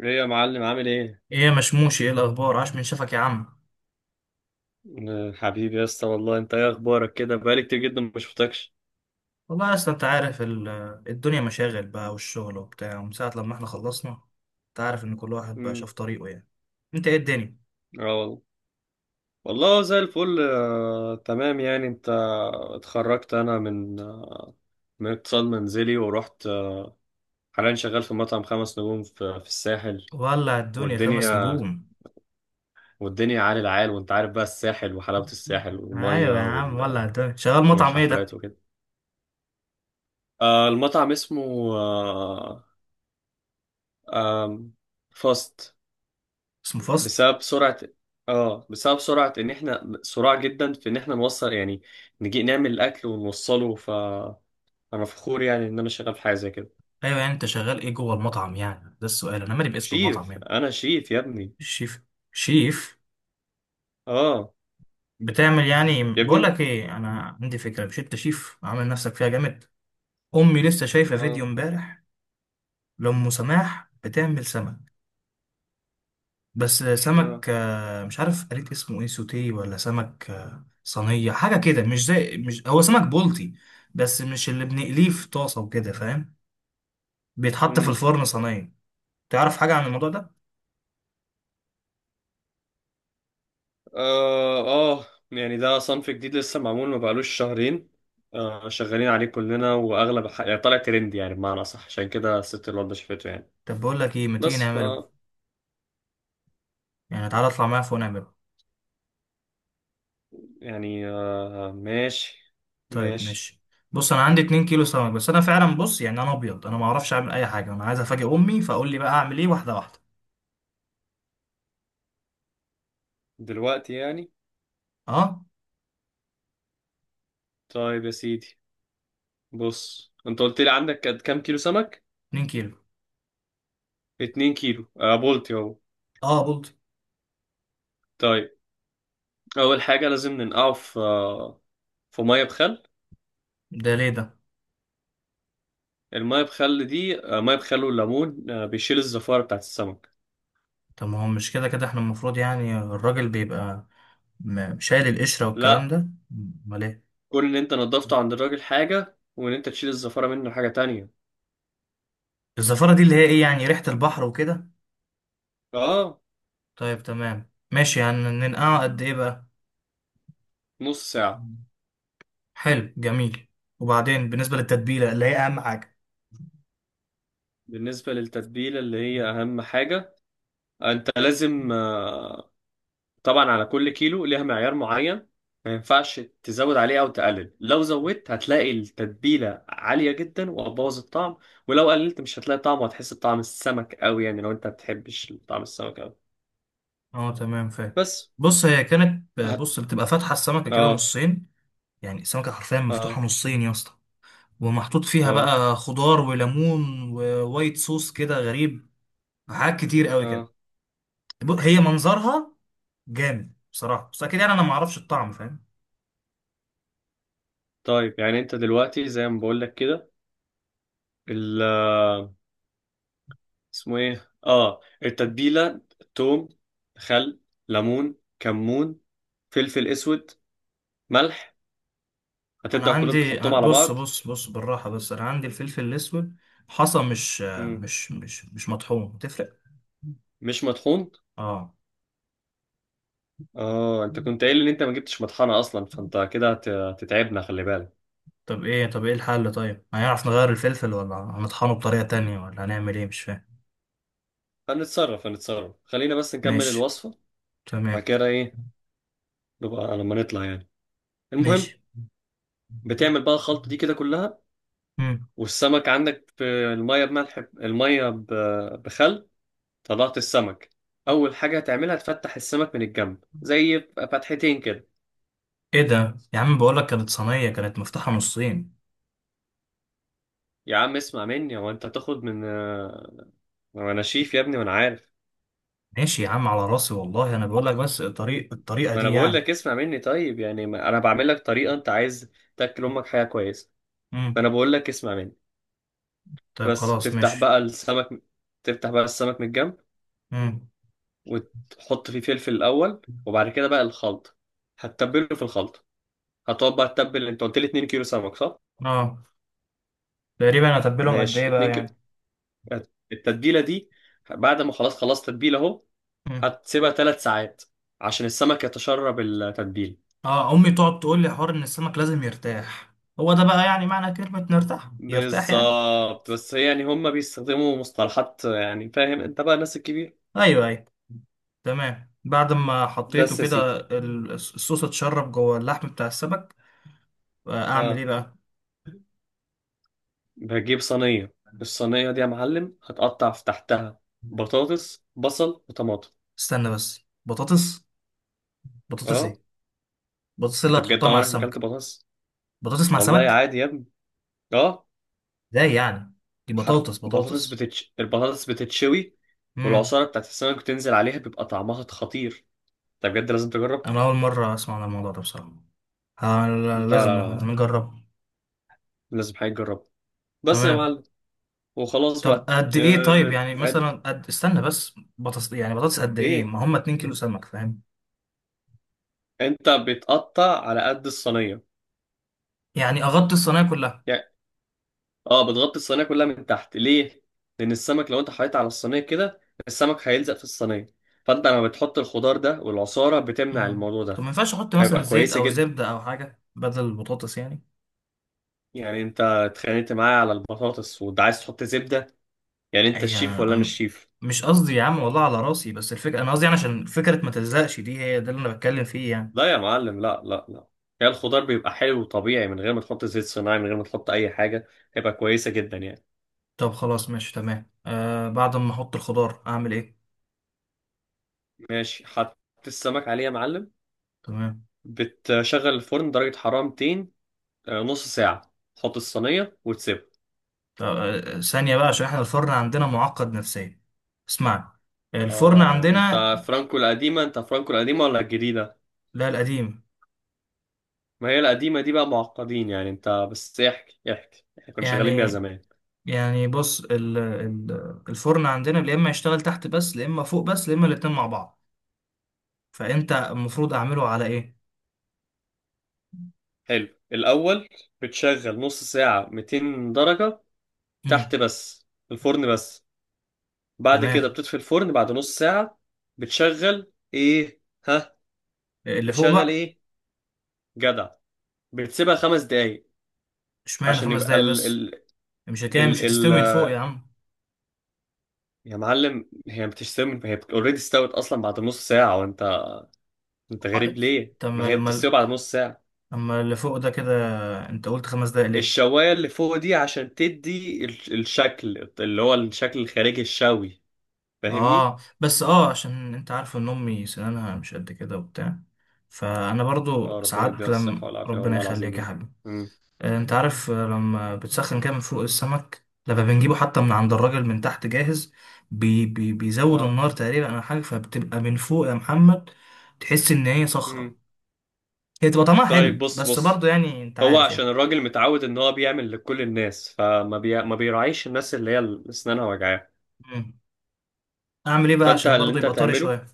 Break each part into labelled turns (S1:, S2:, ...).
S1: ايه يا معلم عامل ايه؟
S2: ايه يا مشموشي، ايه الاخبار؟ عاش من شافك يا عم.
S1: حبيبي يا اسطى، والله انت ايه اخبارك؟ كده بقالي كتير جدا ما شفتكش.
S2: والله اصل انت عارف الدنيا مشاغل بقى والشغل وبتاع، ومن ساعه لما احنا خلصنا انت عارف ان كل واحد بقى
S1: امم
S2: شاف طريقه يعني. انت ايه الدنيا؟
S1: اه والله، والله زي الفل. تمام. يعني انت اتخرجت، انا من من اقتصاد منزلي، ورحت حاليا شغال في مطعم خمس نجوم في الساحل.
S2: ولع الدنيا خمس
S1: والدنيا،
S2: نجوم.
S1: والدنيا عال العال. وانت عارف بقى الساحل، وحلاوة الساحل
S2: ايوه يا
S1: والمية
S2: عم، ولع الدنيا. شغال مطعم ايه ده؟
S1: والحفلات وكده. المطعم اسمه آه، آم، فاست.
S2: اسمه فاست.
S1: بسبب سرعة، اه بسبب سرعة ان احنا سرعة جدا في ان احنا نوصل، يعني نجي نعمل الاكل ونوصله. فانا فخور يعني ان انا شغال في حاجة زي كده.
S2: ايوه يعني انت شغال ايه جوه المطعم؟ يعني ده السؤال، انا مالي باسم المطعم
S1: شيف،
S2: يعني.
S1: انا شيف يا ابني.
S2: الشيف؟ شيف؟
S1: اه.
S2: بتعمل يعني،
S1: يا ابني
S2: بقول
S1: انت-
S2: لك ايه، انا عندي فكره. مش انت شيف عامل نفسك فيها جامد؟ امي لسه شايفه
S1: اه.
S2: فيديو امبارح لأم سماح بتعمل سمك. بس سمك
S1: اه.
S2: مش عارف قريت اسمه ايه، سوتيه ولا سمك صينية، حاجة كده. مش زي، مش هو سمك بولتي بس مش اللي بنقليه في طاسة وكده، فاهم؟ بيتحط في
S1: امم.
S2: الفرن صينية. تعرف حاجة عن الموضوع ده؟
S1: اه. اه يعني ده صنف جديد لسه معمول، ما بقالوش شهرين. آه، شغالين عليه كلنا، واغلب يعني طالع ترند، يعني بمعنى اصح، عشان كده الست الواد شافته يعني.
S2: طب بقول لك ايه، ما تيجي
S1: بس ف،
S2: نعمله؟ يعني تعالى اطلع معايا فوق نعمله.
S1: يعني آه ماشي.
S2: طيب
S1: ماشي.
S2: ماشي. بص انا عندي 2 كيلو سمك، بس انا فعلا، بص يعني انا ابيض، انا ما اعرفش اعمل اي حاجة، انا عايز افاجئ امي، فاقول لي بقى اعمل ايه، واحدة واحدة.
S1: دلوقتي يعني؟
S2: اه.
S1: طيب يا سيدي، بص، انت قلت لي عندك قد كام كيلو سمك؟
S2: 2 كيلو.
S1: 2 كيلو آه، بولتي اهو.
S2: اه، بولتي.
S1: طيب، اول حاجه لازم ننقعه في في ميه بخل.
S2: ده ليه ده؟
S1: الميه بخل دي، آه، ميه بخل والليمون، آه، بيشيل الزفاره بتاعت السمك.
S2: طب ما هو مش كده كده احنا المفروض، يعني الراجل بيبقى شايل القشرة والكلام
S1: لا،
S2: ده. امال ايه؟
S1: كون ان انت نضفته عند الراجل حاجه، وان انت تشيل الزفاره منه حاجه تانية.
S2: الزفارة دي اللي هي ايه يعني، ريحة البحر وكده؟
S1: اه.
S2: طيب تمام ماشي. يعني ننقعه قد ايه بقى؟
S1: نص ساعه.
S2: حلو، جميل. وبعدين بالنسبة للتتبيلة اللي هي اهم حاجة.
S1: بالنسبه للتتبيله اللي هي اهم حاجه، انت لازم آه، طبعا على كل كيلو ليها معيار معين. ما ينفعش تزود عليه او تقلل. لو زودت هتلاقي التتبيله عاليه جدا وهتبوظ الطعم، ولو قللت مش هتلاقي طعم وهتحس بطعم السمك قوي، يعني لو انت ما بتحبش طعم السمك قوي.
S2: اه تمام، فاهم.
S1: بس.
S2: بص، هي كانت،
S1: هت...
S2: بص، بتبقى فاتحة السمكة كده
S1: اه.
S2: نصين. يعني السمكة حرفيا مفتوحة
S1: اه.
S2: نصين يا اسطى، ومحطوط فيها
S1: اه.
S2: بقى خضار وليمون ووايت صوص كده، غريب، حاجات كتير قوي كده.
S1: اه.
S2: هي منظرها جامد بصراحة، بس أكيد يعني أنا ما أعرفش الطعم، فاهم؟
S1: طيب، يعني انت دلوقتي زي ما بقول لك كده، ال اسمه ايه، اه، التتبيله: توم، خل، ليمون، كمون، فلفل اسود، ملح.
S2: أنا
S1: هتبدأ كلهم
S2: عندي،
S1: تحطهم على
S2: بص
S1: بعض.
S2: بص بص بالراحة، بس أنا عندي الفلفل الأسود حصى، مش مطحون، تفرق؟
S1: مش مطحون؟
S2: اه.
S1: اه، انت كنت قايل ان انت ما جبتش مطحنه اصلا، فانت كده هتتعبنا، خلي بالك.
S2: طب إيه، طب إيه الحل؟ طيب هنعرف نغير الفلفل ولا هنطحنه بطريقة تانية ولا هنعمل إيه؟ مش فاهم.
S1: هنتصرف، هنتصرف، خلينا بس نكمل
S2: ماشي.
S1: الوصفه. بعد
S2: تمام.
S1: كده ايه؟ نبقى لما نطلع يعني. المهم،
S2: ماشي.
S1: بتعمل بقى الخلطه دي كده كلها،
S2: مم.
S1: والسمك عندك في الميه بملح، الميه بخل. طلعت السمك، اول حاجه هتعملها تفتح السمك من الجنب زي فتحتين كده.
S2: إيه ده يا عم، بقولك كانت صينية كانت مفتوحة نصين.
S1: يا عم اسمع مني، هو انت هتاخد من وانا شيف يا ابني وانا عارف.
S2: ماشي يا عم، على راسي والله، أنا بقولك بس الطريق، الطريقة
S1: ما
S2: دي
S1: انا بقول
S2: يعني.
S1: لك اسمع مني. طيب يعني ما انا بعمل لك طريقه انت عايز تاكل امك حاجه كويسه،
S2: مم.
S1: فانا بقول لك اسمع مني.
S2: طيب
S1: بس
S2: خلاص
S1: تفتح
S2: ماشي.
S1: بقى السمك، تفتح بقى السمك من الجنب،
S2: مم.
S1: وتحط فيه فلفل الاول، وبعد كده بقى الخلط، هتتبله في الخلط. هتقعد بقى تتبل. انت قلت لي 2 كيلو سمك صح؟
S2: اه. تقريبا اتبلهم قد
S1: ماشي،
S2: ايه بقى
S1: 2 كيلو.
S2: يعني؟
S1: التتبيله دي، بعد ما خلاص خلاص تتبيله اهو،
S2: مم.
S1: هتسيبها 3 ساعات عشان السمك يتشرب التتبيله.
S2: اه. امي تقعد تقول لي حوار ان السمك لازم يرتاح. هو ده بقى يعني معنى كلمة نرتاح، يرتاح يعني؟
S1: بالظبط، بس يعني هم بيستخدموا مصطلحات، يعني فاهم انت بقى الناس الكبير.
S2: ايوه، ايوه. تمام. بعد ما حطيته
S1: بس يا
S2: كده
S1: سيدي.
S2: الصوص اتشرب جوه اللحم بتاع السمك. اعمل ايه
S1: اه.
S2: بقى؟
S1: بجيب صينية، الصينية دي يا معلم هتقطع في تحتها بطاطس، بصل، وطماطم.
S2: استنى بس، بطاطس؟ بطاطس
S1: اه.
S2: ايه؟ بطاطس اللي
S1: انت بجد
S2: هتحطها مع
S1: عمرك ما اكلت
S2: السمكة؟
S1: بطاطس؟
S2: بطاطس مع
S1: والله
S2: سمك؟
S1: عادي يا ابني. اه.
S2: ازاي يعني؟ دي
S1: حر،
S2: بطاطس
S1: بطاطس
S2: بطاطس.
S1: بتتش البطاطس بتتشوي،
S2: امم.
S1: والعصارة بتاعت السمك بتنزل عليها، بيبقى طعمها خطير. انت بجد لازم تجرب.
S2: انا اول مرة اسمع عن الموضوع ده بصراحة. ه-
S1: لا لا
S2: لازم
S1: لا لا،
S2: لازم نجربه.
S1: لازم حاجة تجرب، بس يا
S2: تمام.
S1: معلم. وخلاص
S2: طب
S1: بقى.
S2: قد ايه؟ طيب
S1: آه...
S2: يعني مثلا
S1: اد-
S2: قد، استنى بس، بطاطس يعني بطاطس قد ايه؟
S1: ايه،
S2: ما هم 2 كيلو سمك، فاهم؟
S1: انت بتقطع على قد الصينيه.
S2: يعني اغطي الصينيه كلها؟
S1: يعني اه، بتغطي الصينيه كلها من تحت. ليه؟ لان السمك لو انت حطيت على الصينيه كده، السمك هيلزق في الصينيه، فانت لما بتحط الخضار ده، والعصاره بتمنع
S2: امم.
S1: الموضوع
S2: طب ما
S1: ده،
S2: ينفعش احط مثلا
S1: فيبقى
S2: زيت
S1: كويسه
S2: او
S1: جدا.
S2: زبده او حاجه بدل البطاطس يعني؟
S1: يعني انت اتخانقت معايا على البطاطس وانت عايز تحط زبده؟ يعني انت
S2: اي
S1: الشيف ولا انا
S2: انا؟
S1: الشيف؟
S2: مش قصدي يا عم، والله على راسي، بس الفكره، انا قصدي يعني عشان فكره ما تلزقش، دي هي ده اللي انا بتكلم فيه يعني.
S1: لا يا معلم، لا لا لا، هي الخضار بيبقى حلو وطبيعي من غير ما تحط زيت صناعي، من غير ما تحط اي حاجه. هيبقى كويسه جدا يعني.
S2: طب خلاص ماشي، تمام. آه، بعد ما احط الخضار اعمل ايه؟
S1: ماشي، حط السمك عليه يا معلم.
S2: تمام.
S1: بتشغل الفرن درجة حرارة 200. نص ساعة تحط الصينية وتسيبها.
S2: طب آه، ثانيه بقى، عشان احنا الفرن عندنا معقد نفسيا. اسمعني، الفرن
S1: اه،
S2: عندنا،
S1: انت فرانكو القديمة؟ انت فرانكو القديمة ولا الجديدة؟
S2: لا القديم
S1: ما هي القديمة دي بقى معقدين، يعني انت بس احكي احكي، احنا كنا شغالين بيها
S2: يعني.
S1: زمان.
S2: يعني بص، الفرن عندنا يا اما يشتغل تحت بس، يا اما فوق بس، يا اما الاتنين مع بعض. فانت المفروض اعمله على ايه؟
S1: حلو، الأول بتشغل نص ساعة 200 درجة
S2: امم.
S1: تحت بس، الفرن بس. بعد
S2: تمام.
S1: كده بتطفي الفرن بعد نص ساعة. بتشغل ايه؟ ها.
S2: اللي فوق
S1: بتشغل
S2: بقى؟
S1: ايه؟ جدع. بتسيبها خمس دقايق.
S2: اشمعنى
S1: عشان
S2: خمس
S1: يبقى
S2: دقايق بس؟ مش كده مش هتستوي
S1: ال.
S2: من فوق يا عم؟
S1: يا معلم، هي بتستوي، هي اوريدي استوت اصلا بعد نص ساعه، وانت، انت غريب
S2: آه،
S1: ليه؟
S2: طب
S1: ما
S2: ما
S1: هي بتستوي بعد نص ساعه.
S2: اما اللي فوق ده كده انت قلت خمس دقايق ليه؟
S1: الشوايه اللي فوق دي عشان تدي الشكل، اللي هو الشكل الخارجي الشوي، فاهمني.
S2: اه، بس اه، عشان انت عارف ان امي سنانها مش قد كده وبتاع، فانا
S1: اه،
S2: برضو
S1: ربنا يديها
S2: ساعات،
S1: الصحه
S2: لما
S1: والعافيه،
S2: ربنا
S1: والله العظيم
S2: يخليك يا
S1: يعني.
S2: حبيبي.
S1: امم.
S2: انت عارف، لما بتسخن كده من فوق، السمك لما بنجيبه حتى من عند الراجل من تحت جاهز، بي بيزود
S1: اه.
S2: النار تقريبا او حاجه، فبتبقى من فوق يا محمد، تحس ان هي صخره.
S1: امم
S2: هي تبقى طعمها حلو
S1: طيب بص،
S2: بس
S1: بص،
S2: برضو، يعني انت
S1: هو
S2: عارف
S1: عشان
S2: يعني.
S1: الراجل متعود ان هو بيعمل لكل الناس، ما بيراعيش الناس اللي هي اسنانها وجعاها.
S2: مم. اعمل ايه بقى
S1: فانت
S2: عشان
S1: اللي
S2: برضو
S1: انت
S2: يبقى طري
S1: هتعمله،
S2: شويه؟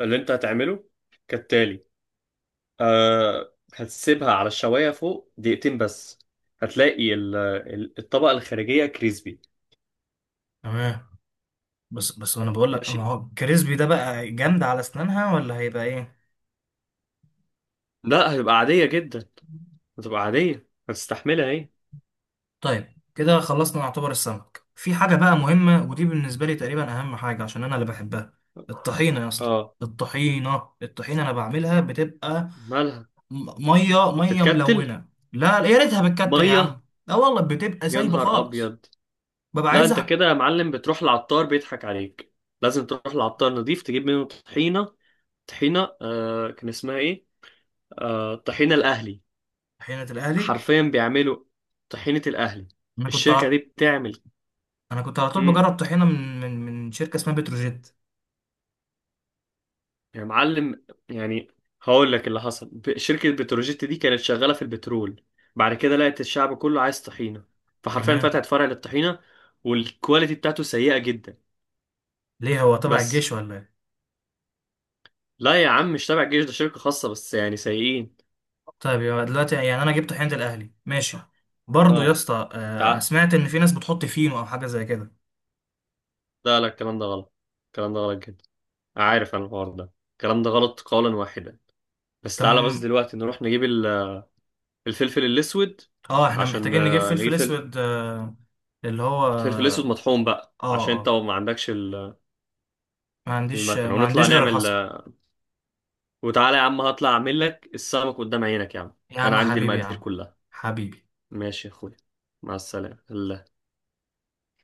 S1: اللي انت هتعمله كالتالي: أه، هتسيبها على الشواية فوق دقيقتين بس، هتلاقي الطبقة الخارجية كريسبي.
S2: تمام. بس بس، انا بقول لك، ما
S1: ماشي.
S2: هو الكريسبي ده بقى جامد على اسنانها، ولا هيبقى ايه؟
S1: لا، هتبقى عادية جدا، هتبقى عادية، هتستحملها ايه.
S2: طيب كده خلصنا نعتبر السمك. في حاجة بقى مهمة، ودي بالنسبة لي تقريبا أهم حاجة عشان أنا اللي بحبها، الطحينة يا اسطى.
S1: اه.
S2: الطحينة، الطحينة أنا بعملها بتبقى
S1: مالها؟
S2: مية مية
S1: بتتكتل؟
S2: ملونة. لا يا ريتها بتكتر يا
S1: مية؟
S2: عم، لا والله بتبقى
S1: يا
S2: سايبة
S1: نهار
S2: خالص.
S1: ابيض.
S2: ببقى
S1: لا،
S2: عايز
S1: انت كده يا معلم بتروح العطار بيضحك عليك. لازم تروح العطار نظيف تجيب منه طحينة. طحينة آه كان اسمها ايه، آه، طحينة الاهلي.
S2: طحينة الأهلي.
S1: حرفيا بيعملوا طحينة الاهلي.
S2: أنا كنت
S1: الشركة
S2: ع-
S1: دي بتعمل.
S2: أنا كنت على طول
S1: مم.
S2: بجرب طحينة من شركة اسمها بتروجيت.
S1: يا معلم، يعني هقول لك اللي حصل، شركة بتروجيت دي كانت شغالة في البترول، بعد كده لقت الشعب كله عايز طحينة، فحرفيا
S2: تمام.
S1: فتحت فرع للطحينة، والكواليتي بتاعته سيئة جدا.
S2: ليه، هو تبع
S1: بس.
S2: الجيش ولا إيه؟
S1: لا يا عم، مش تابع الجيش، ده شركة خاصة، بس يعني سيئين.
S2: طيب يبقى دلوقتي يعني انا جبت حنة الاهلي، ماشي. برضو يا
S1: اه،
S2: اسطى،
S1: تعال،
S2: انا سمعت ان في ناس بتحط فينو او حاجه زي كده.
S1: لا لا، الكلام ده غلط، الكلام ده غلط جدا، عارف انا الحوار ده، الكلام ده غلط قولا واحدا. بس
S2: تم.
S1: تعالى، بس دلوقتي نروح نجيب الفلفل الأسود.
S2: اه احنا
S1: عشان
S2: محتاجين نجيب
S1: نجيب
S2: فلفل
S1: فلفل،
S2: اسود، اللي هو
S1: الفلفل الأسود
S2: اه.
S1: مطحون بقى، عشان انت
S2: اه
S1: ما عندكش
S2: ما عنديش،
S1: المكنة،
S2: ما
S1: ونطلع
S2: عنديش غير
S1: نعمل
S2: الحصى.
S1: وتعالى يا عم، هطلع أعمل لك السمك قدام عينك يا عم.
S2: يا
S1: أنا
S2: عم
S1: عندي
S2: حبيبي، يا
S1: المقادير
S2: عم
S1: كلها.
S2: حبيبي.
S1: ماشي يا أخويا، مع السلامة.